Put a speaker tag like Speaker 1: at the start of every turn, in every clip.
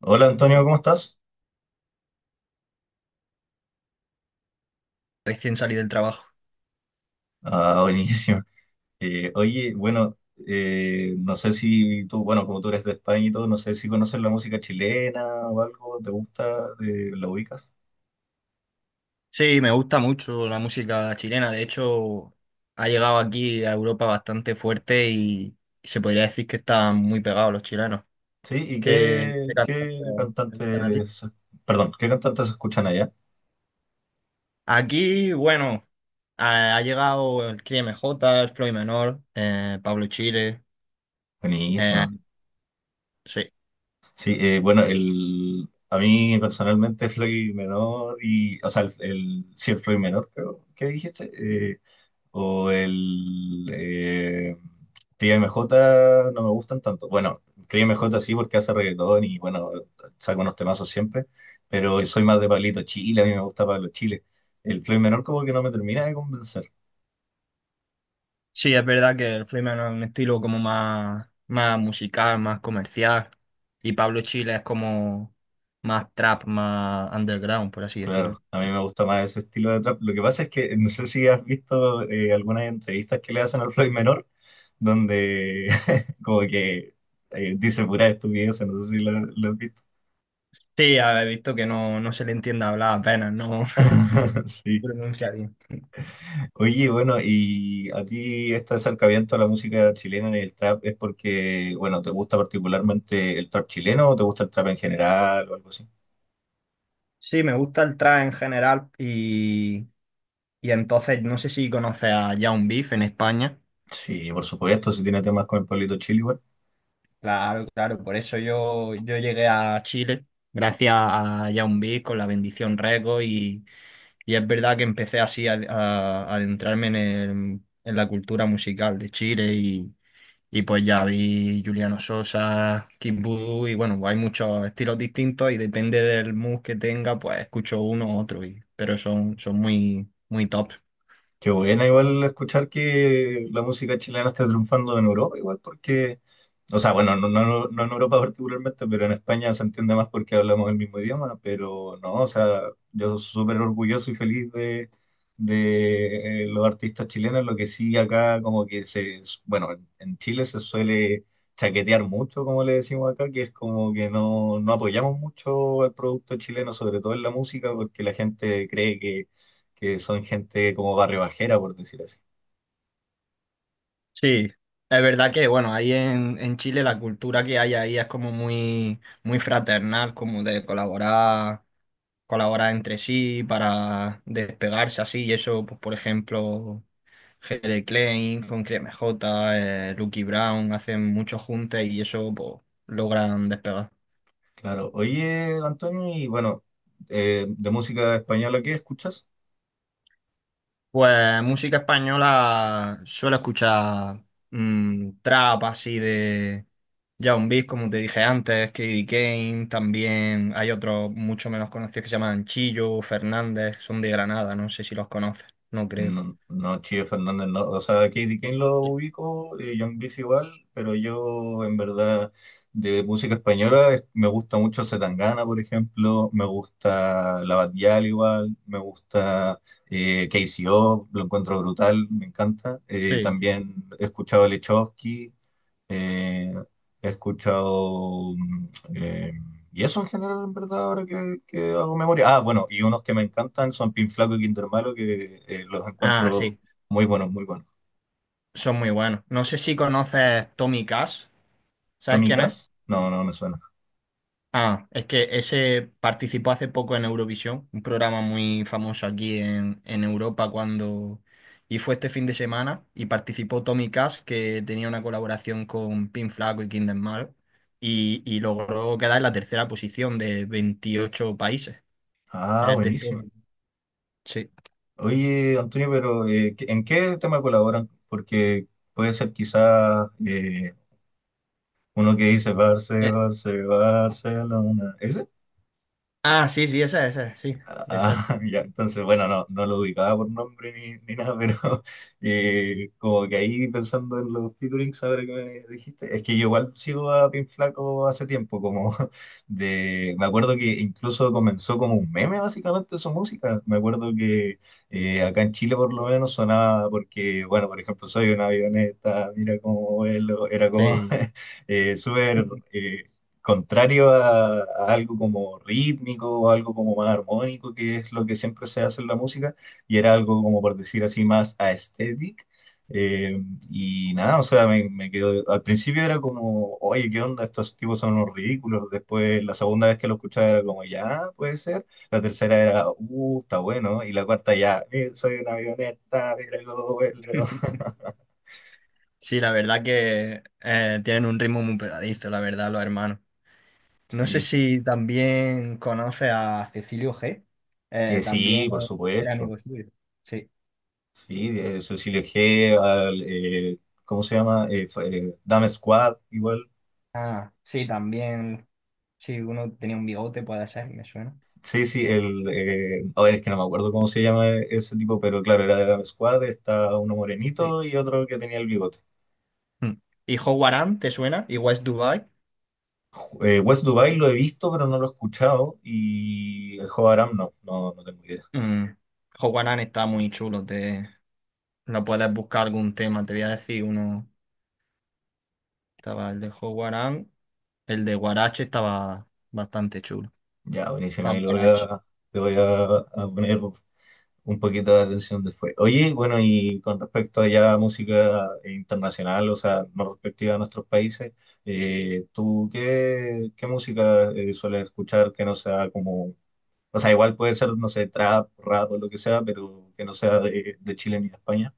Speaker 1: Hola Antonio, ¿cómo estás?
Speaker 2: Recién salí del trabajo.
Speaker 1: Ah, buenísimo. Oye, bueno, no sé si tú, bueno, como tú eres de España y todo, no sé si conoces la música chilena o algo, ¿te gusta? ¿La ubicas?
Speaker 2: Sí, me gusta mucho la música chilena. De hecho, ha llegado aquí a Europa bastante fuerte y se podría decir que están muy pegados los chilenos.
Speaker 1: Sí, ¿y
Speaker 2: ¿Qué
Speaker 1: qué,
Speaker 2: cantantes
Speaker 1: qué
Speaker 2: te gustan a ti?
Speaker 1: cantantes, perdón, qué cantantes escuchan allá?
Speaker 2: Aquí, bueno, ha llegado el Cris MJ, el Floyd Menor, Pablo Chile. eh,
Speaker 1: Buenísima.
Speaker 2: sí.
Speaker 1: Sí, bueno, a mí personalmente Floyd Menor y, o sea, sí, el Floyd Menor, creo, ¿qué dijiste? O el Cría MJ no me gustan tanto. Bueno, Cría MJ sí porque hace reggaetón y bueno, saca unos temazos siempre, pero soy más de Pablito Chile, a mí me gusta Pablo Chile. El Floyd Menor como que no me termina de convencer.
Speaker 2: Sí, es verdad que el Freeman es un estilo como más, más musical, más comercial. Y Pablo Chile es como más trap, más underground, por así decirlo.
Speaker 1: Claro, a mí me gusta más ese estilo de trap. Lo que pasa es que no sé si has visto algunas entrevistas que le hacen al Floyd Menor, donde como que dice pura estupidez, no sé si lo has visto.
Speaker 2: Sí, he visto que no, no se le entiende hablar apenas, no no
Speaker 1: Sí.
Speaker 2: pronuncia bien.
Speaker 1: Oye, bueno, y a ti este acercamiento a la música chilena en el trap es porque, bueno, ¿te gusta particularmente el trap chileno o te gusta el trap en general o algo así?
Speaker 2: Sí, me gusta el trap en general y entonces no sé si conoces a Young Beef en España.
Speaker 1: Sí, por supuesto, si tiene temas con el Pablito Chile, igual.
Speaker 2: Claro, claro, por eso yo llegué a Chile, gracias a Yaoundé con la bendición Reco y es verdad que empecé así a adentrarme en la cultura musical de Chile y pues ya vi Juliano Sosa, Kid Voodoo y bueno, pues hay muchos estilos distintos y depende del mood que tenga, pues escucho uno u otro, pero son muy, muy top.
Speaker 1: Qué buena igual escuchar que la música chilena está triunfando en Europa, igual porque, o sea, bueno, no en Europa particularmente, pero en España se entiende más porque hablamos el mismo idioma, pero no, o sea, yo soy súper orgulloso y feliz de los artistas chilenos, lo que sí acá como que se, bueno, en Chile se suele chaquetear mucho, como le decimos acá, que es como que no, no apoyamos mucho al producto chileno, sobre todo en la música, porque la gente cree que son gente como barribajera, por decir así.
Speaker 2: Sí, es verdad que, bueno, ahí en Chile la cultura que hay ahí es como muy, muy fraternal, como de colaborar, colaborar entre sí para despegarse así, y eso, pues, por ejemplo, Jere Klein con Cris J. Lucky Brown hacen muchos juntes y eso, pues, logran despegar.
Speaker 1: Claro. Oye, Antonio, y bueno, de música española, ¿qué escuchas?
Speaker 2: Pues música española suelo escuchar trap así de Young Beat, como te dije antes, Kid Kane, también hay otros mucho menos conocidos que se llaman Chillo, Fernández, son de Granada, no sé si los conoces, no creo.
Speaker 1: No, no, Chío Fernández, no. O sea, Katie Kane lo
Speaker 2: Sí.
Speaker 1: ubico, John Beef igual, pero yo, en verdad, de música española me gusta mucho Zetangana, por ejemplo, me gusta La Batial igual, me gusta KCO lo encuentro brutal, me encanta.
Speaker 2: Sí.
Speaker 1: También he escuchado a Lechowski. Eh, He escuchado... eh, y eso en general, en verdad, ahora que hago memoria. Ah, bueno, y unos que me encantan son Pin Flaco y Kinder Malo, que los
Speaker 2: Ah,
Speaker 1: encuentro
Speaker 2: sí,
Speaker 1: muy buenos, muy buenos.
Speaker 2: son muy buenos. ¿No sé si conoces Tommy Cash, sabes
Speaker 1: Tommy
Speaker 2: quién es?
Speaker 1: Cash, no, no me suena.
Speaker 2: Ah, es que ese participó hace poco en Eurovisión, un programa muy famoso aquí en Europa cuando... Y fue este fin de semana y participó Tommy Cash, que tenía una colaboración con Pin Flaco y Kinder Malo, y logró quedar en la tercera posición de 28 países.
Speaker 1: Ah,
Speaker 2: Es de Estonia,
Speaker 1: buenísimo.
Speaker 2: sí.
Speaker 1: Oye, Antonio, pero ¿en qué tema colaboran? Porque puede ser quizás uno que dice
Speaker 2: Eh,
Speaker 1: Barcelona. ¿Ese?
Speaker 2: ah, sí, sí, esa, sí, exacto.
Speaker 1: Ah, ya, entonces, bueno, no, no lo ubicaba por nombre ni, ni nada, pero como que ahí pensando en los featurings, ahora que me dijiste, es que yo igual sigo a Pin Flaco hace tiempo, como de, me acuerdo que incluso comenzó como un meme básicamente su música, me acuerdo que acá en Chile por lo menos sonaba porque, bueno, por ejemplo, soy una avioneta, mira cómo vuelo, era como
Speaker 2: Sí.
Speaker 1: súper... eh, contrario a algo como rítmico o algo como más armónico, que es lo que siempre se hace en la música, y era algo como por decir así más aesthetic. Eh, y nada, o sea, me quedó, al principio era como, oye, ¿qué onda? Estos tipos son unos ridículos. Después, la segunda vez que lo escuchaba era como, ya, puede ser. La tercera era, está bueno. Y la cuarta ya, soy una avioneta, mira cómo vuelo".
Speaker 2: Sí, la verdad que tienen un ritmo muy pegadizo, la verdad, los hermanos. No sé
Speaker 1: Sí,
Speaker 2: si también conoce a Cecilio G.
Speaker 1: Sí,
Speaker 2: También
Speaker 1: por
Speaker 2: era
Speaker 1: supuesto.
Speaker 2: amigo suyo. Sí.
Speaker 1: Sí, Cecilio G, ¿cómo se llama? Dame Squad, igual.
Speaker 2: Ah, sí, también. Sí, uno tenía un bigote, puede ser, me suena.
Speaker 1: Sí, sí, el. A ver, es que no me acuerdo cómo se llama ese tipo, pero claro, era de Dame Squad, está uno
Speaker 2: Sí.
Speaker 1: morenito y otro que tenía el bigote.
Speaker 2: Mm. ¿Y Howard Hunt, te suena? ¿Y West Dubai?
Speaker 1: West Dubai lo he visto, pero no lo he escuchado. Y el Joe Aram no, no, no tengo idea.
Speaker 2: Mm. Howard Hunt está muy chulo. Lo puedes buscar algún tema. Te voy a decir uno. Estaba el de Howard Hunt, el de Guarache estaba bastante chulo.
Speaker 1: Ya, buenísima,
Speaker 2: Fue a
Speaker 1: ahí
Speaker 2: Guarache.
Speaker 1: lo voy a poner un poquito de atención después. Oye, bueno, y con respecto a ya música internacional, o sea, no respectiva a nuestros países, ¿tú qué música sueles escuchar que no sea como, o sea, igual puede ser, no sé, trap, rap o lo que sea, pero que no sea de Chile ni de España?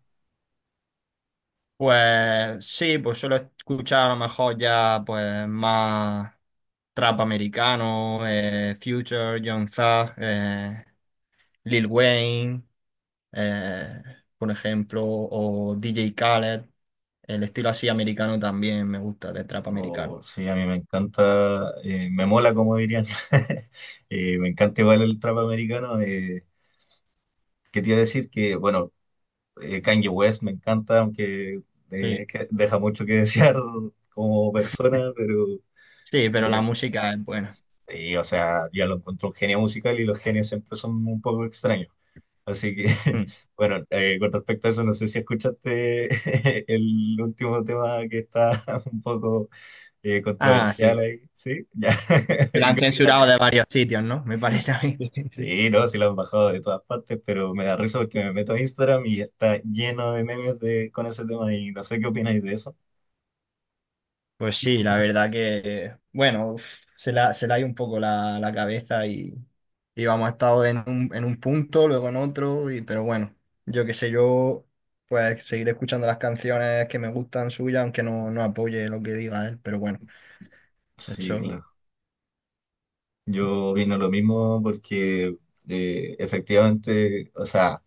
Speaker 2: Pues sí, pues suelo escuchar a lo mejor ya pues más trap americano, Future, Young Thug, Lil Wayne, eh, por ejemplo, o DJ Khaled. El estilo así americano también me gusta, de trap americano.
Speaker 1: Oh, sí, a mí me encanta, me mola, como dirían. Me encanta igual el trap americano. ¿Qué te iba a decir? Que, bueno, Kanye West me encanta, aunque
Speaker 2: Sí,
Speaker 1: que deja mucho que desear como persona,
Speaker 2: sí, pero
Speaker 1: pero
Speaker 2: la música es buena.
Speaker 1: sí, o sea, ya lo encontró un genio musical y los genios siempre son un poco extraños. Así que,
Speaker 2: Mm.
Speaker 1: bueno, con respecto a eso, no sé si escuchaste el último tema que está un poco
Speaker 2: Ah, sí.
Speaker 1: controversial
Speaker 2: sí.
Speaker 1: ahí, ¿sí? Ya,
Speaker 2: Se la
Speaker 1: ¿y
Speaker 2: han
Speaker 1: qué
Speaker 2: censurado de
Speaker 1: opinas?
Speaker 2: varios sitios, ¿no? Me parece a mí.
Speaker 1: Sí, no, sí lo han bajado de todas partes, pero me da risa porque me meto a Instagram y está lleno de memes de, con ese tema y no sé qué opináis de eso.
Speaker 2: Pues sí, la verdad que, bueno, uf, se la hay un poco la cabeza y vamos, ha estado en un, punto, luego en otro, pero bueno, yo qué sé, yo pues seguiré escuchando las canciones que me gustan suyas, aunque no, no apoye lo que diga él, pero bueno,
Speaker 1: Sí,
Speaker 2: eso
Speaker 1: claro. Yo vino lo mismo porque efectivamente, o sea,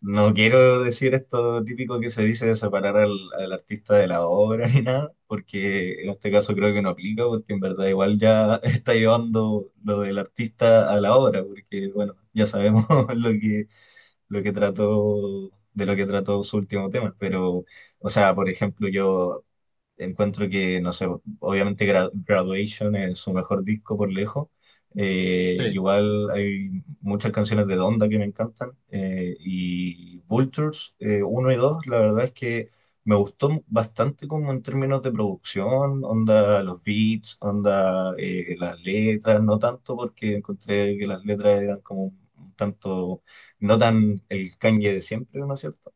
Speaker 1: no quiero decir esto típico que se dice de separar al artista de la obra ni nada, porque en este caso creo que no aplica, porque en verdad igual ya está llevando lo del artista a la obra, porque bueno, ya sabemos lo que, lo que trató, de lo que trató su último tema, pero, o sea, por ejemplo, yo encuentro que, no sé, obviamente Graduation es su mejor disco por lejos.
Speaker 2: sí.
Speaker 1: Igual hay muchas canciones de Donda que me encantan. Y Vultures uno y 2 la verdad es que me gustó bastante como en términos de producción, onda los beats, onda las letras, no tanto porque encontré que las letras eran como un tanto, no tan el Kanye de siempre, ¿no es cierto?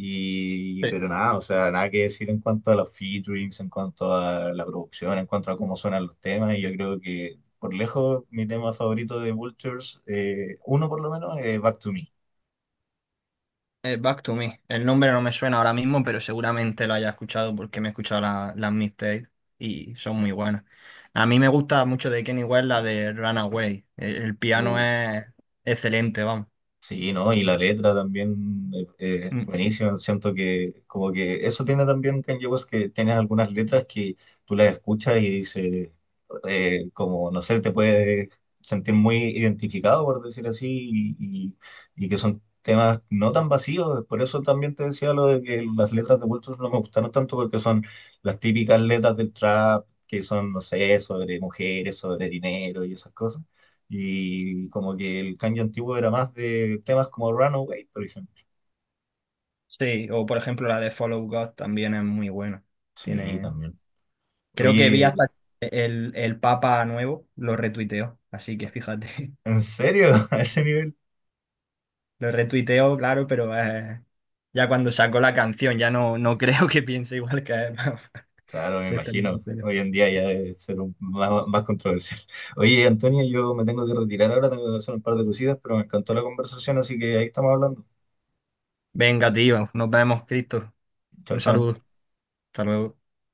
Speaker 1: Y,
Speaker 2: Sí.
Speaker 1: pero nada, o sea, nada que decir en cuanto a los featurings, en cuanto a la producción, en cuanto a cómo suenan los temas. Y yo creo que, por lejos, mi tema favorito de Vultures, uno por lo menos, es Back to Me.
Speaker 2: Back to Me. El nombre no me suena ahora mismo, pero seguramente lo haya escuchado porque me he escuchado las mixtapes y son muy buenas. A mí me gusta mucho de Kenny West la de Runaway. El piano
Speaker 1: Uf,
Speaker 2: es excelente, vamos.
Speaker 1: sí, ¿no? Y la letra también
Speaker 2: Mm.
Speaker 1: buenísimo. Siento que como que eso tiene también Kanye West, que tiene algunas letras que tú las escuchas y dices, como, no sé, te puedes sentir muy identificado, por decir así, y, y- y que son temas no tan vacíos. Por eso también te decía lo de que las letras de Vultures no me gustaron tanto porque son las típicas letras del trap, que son, no sé, sobre mujeres, sobre dinero y esas cosas. Y como que el Kanye antiguo era más de temas como Runaway, por ejemplo.
Speaker 2: Sí, o por ejemplo la de Follow God también es muy buena.
Speaker 1: Sí,
Speaker 2: Tiene...
Speaker 1: también.
Speaker 2: Creo que vi
Speaker 1: Oye,
Speaker 2: hasta el Papa nuevo, lo retuiteó, así que fíjate.
Speaker 1: ¿en serio? ¿A ese nivel?
Speaker 2: Lo retuiteó, claro, pero ya cuando sacó la canción ya no, no creo que piense igual que él.
Speaker 1: Claro, me
Speaker 2: De estar en el
Speaker 1: imagino.
Speaker 2: imperio.
Speaker 1: Hoy en día ya debe ser más, más controversial. Oye, Antonio, yo me tengo que retirar ahora, tengo que hacer un par de cositas, pero me encantó la conversación, así que ahí estamos hablando.
Speaker 2: Venga, tío, nos vemos, Cristo.
Speaker 1: Chao,
Speaker 2: Un
Speaker 1: chao.
Speaker 2: saludo. Hasta luego.